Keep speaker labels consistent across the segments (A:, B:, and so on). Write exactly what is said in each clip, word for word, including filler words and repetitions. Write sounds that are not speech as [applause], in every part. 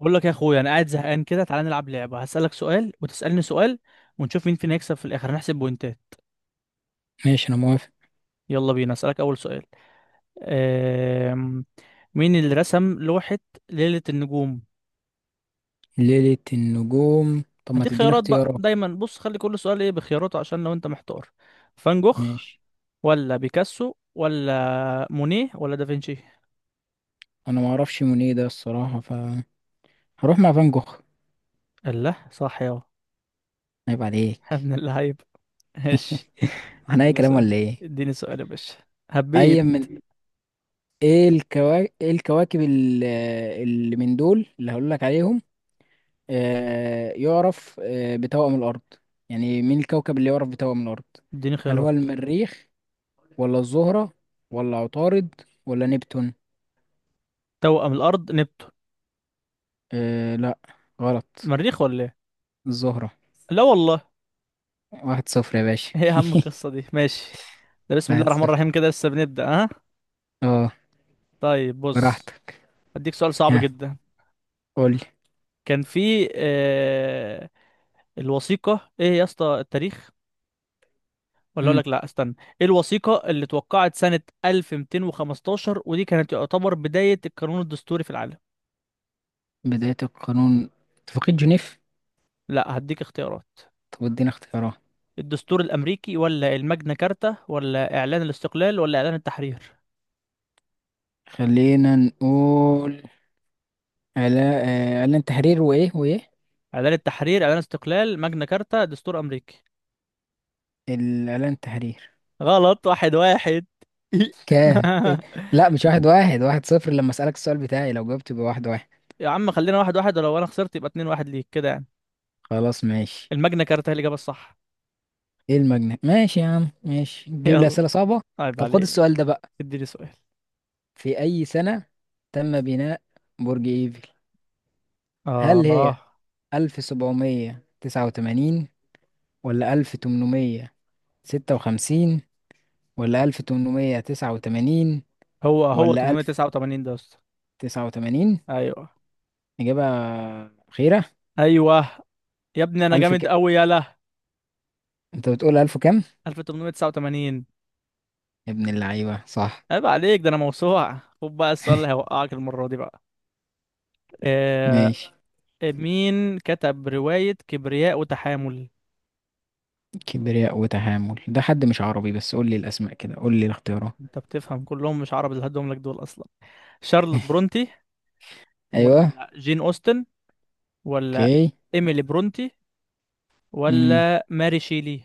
A: بقول لك يا اخويا، انا قاعد زهقان كده. تعالى نلعب لعبه. هسالك سؤال وتسالني سؤال ونشوف مين فينا يكسب في الاخر. هنحسب بوينتات.
B: ماشي، انا موافق.
A: يلا بينا، اسالك اول سؤال. أم... مين اللي رسم لوحه ليله النجوم؟
B: ليلة النجوم. طب ما
A: هديك
B: تديني
A: خيارات بقى.
B: اختيارات.
A: دايما بص، خلي كل سؤال ايه بخياراته عشان لو انت محتار. فان جوخ
B: ماشي.
A: ولا بيكاسو ولا مونيه ولا دافنشي؟
B: انا ما اعرفش مونيه ده الصراحة، ف هروح مع فان جوخ.
A: الله، صح يا.
B: عيب
A: [laughs] يا
B: عليك.
A: ابن اللعيب. [laughs] ماشي،
B: [laughs] احنا اي
A: اديني
B: كلام
A: سؤال.
B: ولا ايه؟
A: اديني سؤال يا باشا.
B: اي
A: هبيت.
B: من ايه الكواكب ايه الكواكب ال- اللي من دول اللي هقول لك عليهم. آه يعرف آه بتوأم الارض. يعني مين الكوكب اللي يعرف بتوأم الارض؟
A: اديني
B: هل هو
A: خيارات.
B: المريخ، ولا الزهرة، ولا عطارد، ولا نبتون؟
A: توأم الارض نبتون.
B: آه، لا. غلط.
A: مريخ ولا إيه؟
B: الزهرة.
A: لا والله.
B: واحد صفر يا باشا.
A: [laughs] هي اهم
B: [laughs]
A: القصه دي، ماشي. ده بسم الله
B: واحد
A: الرحمن
B: صفر.
A: الرحيم كده، لسه بنبدا ها.
B: اه.
A: طيب بص،
B: براحتك.
A: هديك سؤال صعب
B: ها.
A: جدا.
B: قولي.
A: كان في آه الوثيقه، ايه يا اسطى التاريخ؟ ولا اقول
B: مم.
A: لك، لا استنى. ايه الوثيقه اللي اتوقعت سنه ألف ومئتين وخمستاشر، ودي كانت تعتبر بدايه القانون الدستوري في العالم؟
B: بداية القانون. اتفاقية جنيف.
A: لا هديك اختيارات.
B: طب ادينا اختيارات.
A: الدستور الامريكي ولا الماجنا كارتا ولا اعلان الاستقلال ولا اعلان التحرير؟
B: خلينا نقول على آه، إعلان تحرير وإيه وإيه.
A: اعلان التحرير، اعلان استقلال، ماجنا كارتا، دستور امريكي.
B: الإعلان تحرير.
A: غلط. واحد واحد.
B: كام
A: [laughs]
B: إيه؟ لا، مش واحد واحد، واحد صفر. لما أسألك السؤال بتاعي لو جاوبت يبقى واحد واحد.
A: يا عم خلينا واحد واحد، ولو انا خسرت يبقى اتنين واحد ليك، كده يعني.
B: خلاص ماشي.
A: الماجنا كارتا هي الإجابة الصح.
B: إيه المجنة، ماشي يا عم، ماشي. تجيب لي
A: يلا.
B: أسئلة صعبة.
A: عيب
B: طب خد
A: عليك.
B: السؤال ده بقى.
A: اديني سؤال.
B: في أي سنة تم بناء برج إيفل؟ هل هي
A: اه.
B: ألف سبعمية تسعة وتمانين، ولا ألف تمنمية ستة وخمسين، ولا ألف تمنمية تسعة وتمانين،
A: هو هو
B: ولا ألف
A: ثمنمية تسعة وتمانين ده يا اسطى؟
B: تسعة وتمانين؟
A: ايوه.
B: إجابة أخيرة.
A: ايوه. يا ابني انا
B: ألف
A: جامد
B: ك...
A: قوي، يلا.
B: أنت بتقول ألف كام؟
A: ألف تمنمية تسعة وتمانين.
B: يا ابن اللعيبة صح.
A: عيب عليك، ده انا موسوعة. خد بقى السؤال اللي هيوقعك المرة دي بقى. آه.
B: ماشي.
A: مين كتب رواية كبرياء وتحامل؟
B: كبرياء وتحامل ده حد مش عربي، بس قول لي الأسماء كده، قول لي الاختيارات.
A: انت بتفهم، كلهم مش عرب اللي هدهم لك دول اصلا. شارلوت
B: [laughs]
A: برونتي
B: أيوه.
A: ولا جين أوستن ولا
B: أوكي.
A: إيميلي برونتي
B: امم.
A: ولا ماري شيلي؟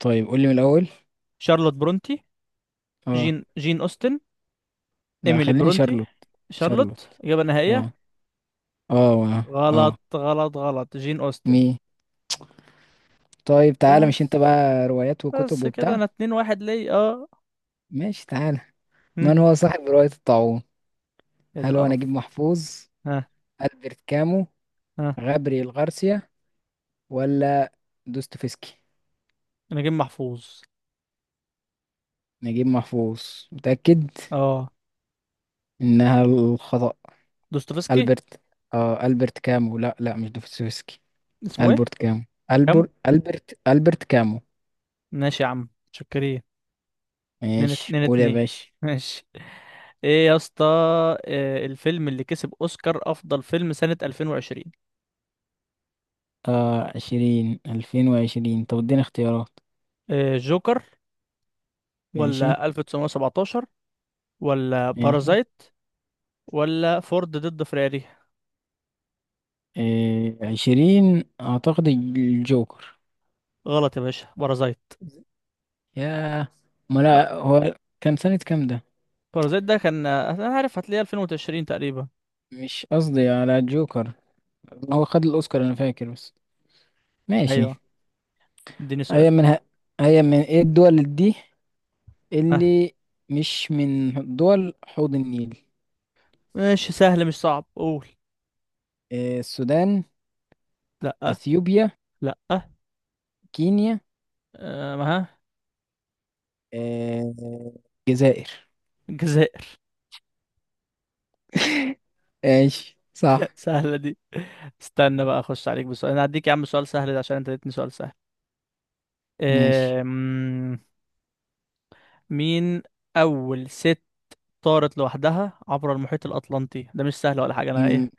B: طيب قول لي من الأول.
A: شارلوت برونتي،
B: أه.
A: جين جين أوستن،
B: لا،
A: إيميلي
B: خليني
A: برونتي.
B: شارلوت. شارلوت.
A: شارلوت إجابة
B: أه
A: نهائية.
B: أه أه.
A: غلط
B: آه.
A: غلط غلط، جين أوستن.
B: مي طيب تعالى، مش انت
A: بس
B: بقى روايات وكتب
A: بس كده
B: وبتاع.
A: أنا اتنين واحد ليا، اه.
B: ماشي تعالى.
A: هم،
B: من هو صاحب رواية الطاعون؟
A: يا دي
B: هل هو
A: القرف.
B: نجيب محفوظ،
A: ها.
B: ألبرت كامو،
A: ها.
B: غابرييل غارسيا، ولا دوستويفسكي؟
A: أنا جيم محفوظ.
B: نجيب محفوظ؟ متأكد؟
A: اه.
B: إنها الخطأ.
A: دوستويفسكي.
B: ألبرت. آه، ألبرت كامو. لا لا، مش دوستويفسكي.
A: اسمه ايه؟
B: ألبرت كامو.
A: كام؟
B: ألبرت ألبرت ألبرت كامو.
A: ماشي يا عم، شكرين. اتنين
B: ماشي
A: اتنين
B: قول يا
A: اتنين.
B: باشا.
A: ماشي. ايه يا اسطى، إيه الفيلم اللي كسب اوسكار افضل فيلم سنة ألفين وعشرين؟
B: آه عشرين ألفين وعشرين. طب اديني اختيارات.
A: إيه، جوكر
B: ماشي.
A: ولا ألف تسعمائة سبعة عشر ولا
B: ماشي.
A: بارازايت ولا فورد ضد فيراري.
B: إيه عشرين أعتقد الجوكر.
A: غلط يا باشا، بارازايت.
B: ياه. ما
A: آه،
B: لا هو. كان سنة كام ده؟
A: بارازايت ده كان آه، انا عارف هتلاقيه ألفين وعشرين تقريبا.
B: مش قصدي على الجوكر. هو خد الأوسكار أنا فاكر بس. ماشي.
A: ايوه. اديني سؤال.
B: هي من ه... هي من إيه الدول دي
A: ها.
B: اللي مش من دول حوض النيل؟
A: ماشي سهل مش صعب، قول.
B: إيه السودان؟
A: لا.
B: أثيوبيا؟
A: لا.
B: كينيا؟
A: آه، ما ها.
B: إيه الجزائر.
A: الجزائر.
B: ماشي
A: [laughs]
B: صح.
A: سهلة دي. استنى بقى اخش عليك بسؤال. انا هديك يا عم سؤال سهل ده عشان انت اديتني سؤال سهل.
B: ماشي.
A: آم، مين أول ست طارت لوحدها عبر المحيط الأطلنطي؟ ده مش سهل ولا حاجة أنا، إيه
B: مم،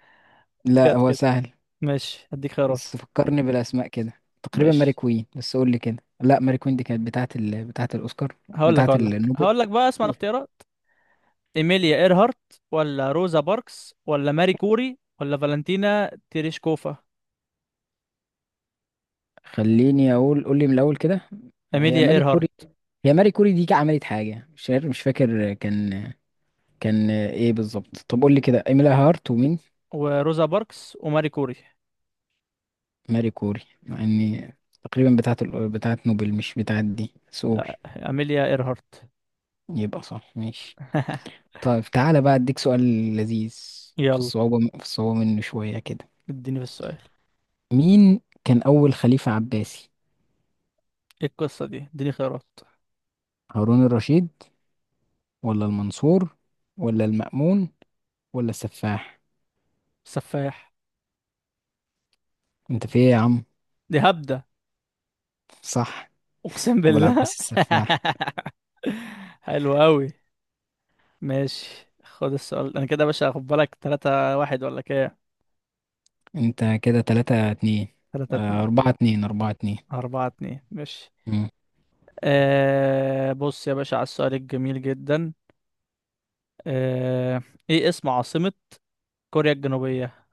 B: لا
A: جت
B: هو
A: كده.
B: سهل.
A: ماشي هديك خيارات.
B: بس فكرني بالاسماء كده. تقريبا ماري
A: ماشي
B: كوين، بس قول لي كده. لا، ماري كوين دي كانت بتاعه ال... بتاعه الاوسكار.
A: هقول لك
B: بتاعه
A: هقول لك
B: النوبل.
A: هقول لك بقى، اسمع الاختيارات. إيميليا إيرهارت ولا روزا باركس ولا ماري كوري ولا فالنتينا تيريشكوفا؟
B: خليني اقول. قول لي من الاول كده. هي
A: إيميليا
B: ماري
A: إيرهارت
B: كوري. هي ماري كوري دي عملت حاجه مش عارف، مش فاكر كان كان ايه بالظبط. طب قول لي كده، ايميلا هارت ومين؟
A: وروزا باركس وماري كوري.
B: ماري كوري، مع اني تقريبا بتاعه ال... بتاعه نوبل مش بتاعه دي، بس قول.
A: لا، إيميليا إيرهارت.
B: يبقى صح. ماشي.
A: [laughs]
B: طيب تعالى بقى اديك سؤال لذيذ في
A: يلا.
B: الصعوبه في الصعوبه منه شويه كده.
A: اديني في السؤال.
B: مين كان أول خليفة عباسي؟
A: ايه القصة دي؟ اديني خيارات.
B: هارون الرشيد، ولا المنصور، ولا المأمون، ولا السفاح؟
A: سفاح.
B: انت في ايه يا عم؟
A: دي هبدة.
B: صح.
A: أقسم
B: أبو
A: بالله.
B: العباس السفاح.
A: [laughs] حلو قوي. ماشي. خد السؤال. انا كده يا باشا خد بالك، ثلاثة واحد ولا كام؟
B: انت كده تلاتة اتنين؟
A: تلاتة
B: آه،
A: اتنين.
B: أربعة اتنين، أربعة اتنين.
A: اربعة اتنين ماشي.
B: مم.
A: آه بص يا باشا على السؤال الجميل جدا. آه. ايه اسم عاصمة كوريا الجنوبية؟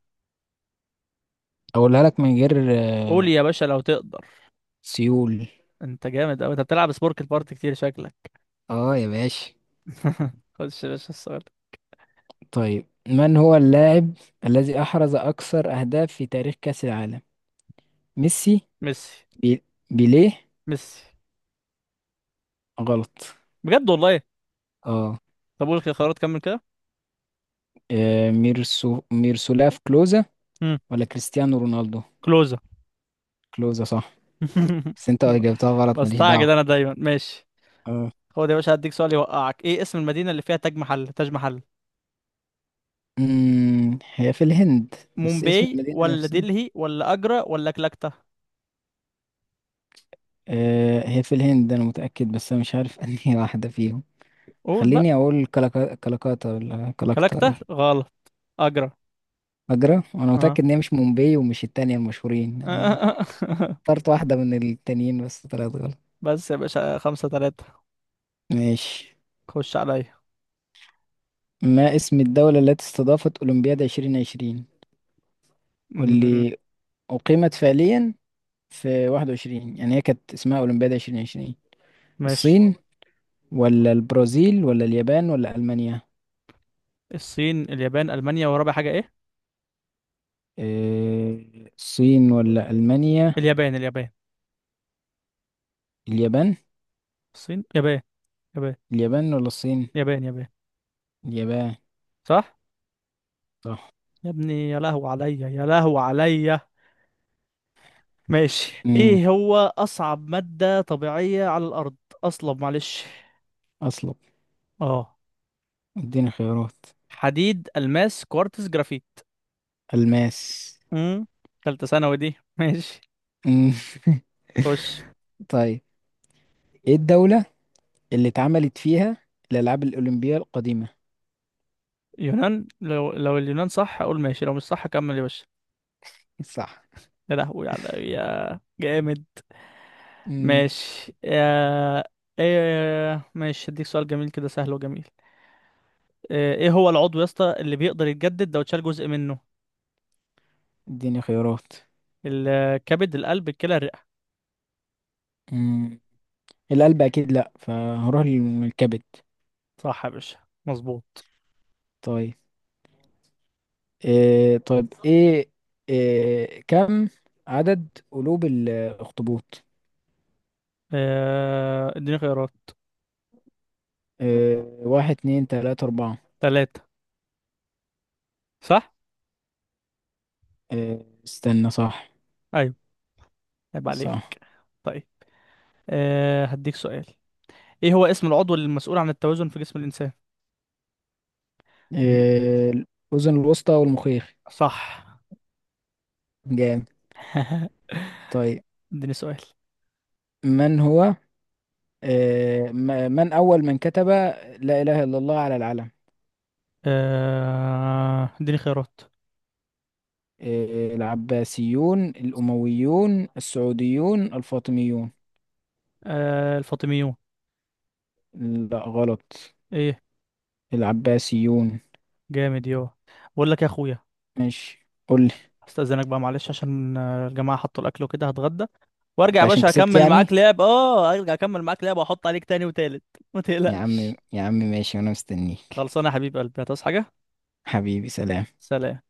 B: أقولها لك من غير
A: قول
B: آه،
A: يا باشا لو تقدر.
B: سيول.
A: انت جامد قوي، انت بتلعب سبورك البارت كتير شكلك.
B: اه يا باشا.
A: [laughs] خش يا باشا السؤال.
B: طيب، من هو اللاعب الذي أحرز أكثر أهداف في تاريخ كأس العالم؟ ميسي؟
A: ميسي.
B: بي... بيليه.
A: ميسي.
B: غلط.
A: بجد والله.
B: اه.
A: طب قول الخيارات، كمل كده.
B: آه، ميرسو ميرسولاف كلوزا،
A: امم.
B: ولا كريستيانو رونالدو؟
A: كلوزة.
B: كلوزة صح.
A: [laughs]
B: بس انت جبتها غلط، ماليش دعوة.
A: بستعجل انا دايما، ماشي.
B: اه.
A: هو ده يا باشا، هديك سؤال يوقعك. ايه اسم المدينة اللي فيها تاج محل، تاج محل؟
B: امم هي في الهند، بس اسم
A: مومباي
B: المدينة
A: ولا
B: نفسها.
A: دلهي ولا اجرا ولا كلكتة.
B: آه هي في الهند انا متأكد، بس انا مش عارف [laughs] انهي واحدة فيهم.
A: قول
B: خليني
A: بقى.
B: اقول كلكا... كلكاتا ولا كلكتا
A: كلكتة
B: دي؟
A: غلط. اجرا.
B: فاكرة وانا
A: اه.
B: متأكد ان هي مش مومباي ومش التانية المشهورين، انا
A: [laughs]
B: اخترت واحدة من التانيين بس طلعت غلط.
A: بس يا باشا خمسة تلاتة.
B: ماشي.
A: خش عليا.
B: ما اسم الدولة التي استضافت أولمبياد ألفين وعشرين،
A: م-.
B: واللي أقيمت فعليا في واحد وعشرين؟ يعني هي كانت اسمها أولمبياد ألفين وعشرين.
A: ماشي.
B: الصين، ولا البرازيل، ولا اليابان، ولا ألمانيا؟
A: الصين، اليابان، المانيا، ورابع حاجة ايه؟
B: آه، الصين ولا ألمانيا؟
A: اليابان، اليابان.
B: اليابان.
A: الصين، يابان، يابان،
B: اليابان ولا الصين؟
A: يابان، يابان.
B: اليابان.
A: صح.
B: صح.
A: يا ابني يا لهو عليا، يا لهو عليا. ماشي.
B: امم.
A: ايه هو اصعب مادة طبيعية على الارض؟ اصلب، معلش.
B: أصلب.
A: اه.
B: اديني خيارات.
A: حديد، الماس، كوارتز، جرافيت.
B: الماس.
A: امم. تالتة ثانوي دي. [laughs] ماشي.
B: مم.
A: خش.
B: [laughs] طيب، ايه الدولة اللي اتعملت فيها الألعاب الأولمبية القديمة؟
A: يونان، لو لو اليونان صح اقول ماشي، لو مش صح كمل يا باشا.
B: صح.
A: يا لهوي على يا، جامد.
B: امم.
A: ماشي يا، ايه ماشي. هديك سؤال جميل كده، سهل وجميل. ايه إيه هو العضو يا اسطى اللي بيقدر يتجدد لو اتشال جزء منه؟
B: اديني خيارات.
A: الكبد، القلب، الكلى، الرئة.
B: امم القلب أكيد لأ، فهروح للكبد.
A: صح يا باشا، مظبوط.
B: طيب. إيه طيب. ايه, إيه كم عدد قلوب الاخطبوط؟
A: آه، اديني خيارات.
B: إيه، واحد اتنين تلاتة اربعة؟
A: ثلاثة. صح.
B: إيه استنى، صح؟
A: ايوه. عيب
B: صح.
A: عليك. طيب. أه هديك سؤال. ايه هو اسم العضو المسؤول عن التوازن في جسم الانسان؟ الم...
B: إيه الاذن الوسطى والمخيخ.
A: صح.
B: جامد.
A: [laughs]
B: طيب.
A: اديني سؤال.
B: من هو إيه م- من اول من كتب لا اله الا الله على العلم؟
A: آه، اديني خيارات.
B: إيه، العباسيون، الامويون، السعوديون، الفاطميون؟
A: آه، الفاطميون.
B: لا غلط.
A: ايه.
B: العباسيون.
A: جامد يو. بقول لك يا اخويا،
B: ماشي قول لي.
A: استاذنك بقى معلش عشان آه، الجماعه حطوا الاكل وكده هتغدى وارجع.
B: انت
A: يا
B: عشان
A: باشا
B: كسبت
A: اكمل
B: يعني؟
A: معاك لعب، اه ارجع اكمل معاك لعب واحط عليك تاني وتالت. ما
B: يا عم
A: تقلقش.
B: يا عم، ماشي وانا مستنيك.
A: خلصانه يا حبيب قلبي، هتصحى حاجه؟
B: حبيبي سلام.
A: سلام.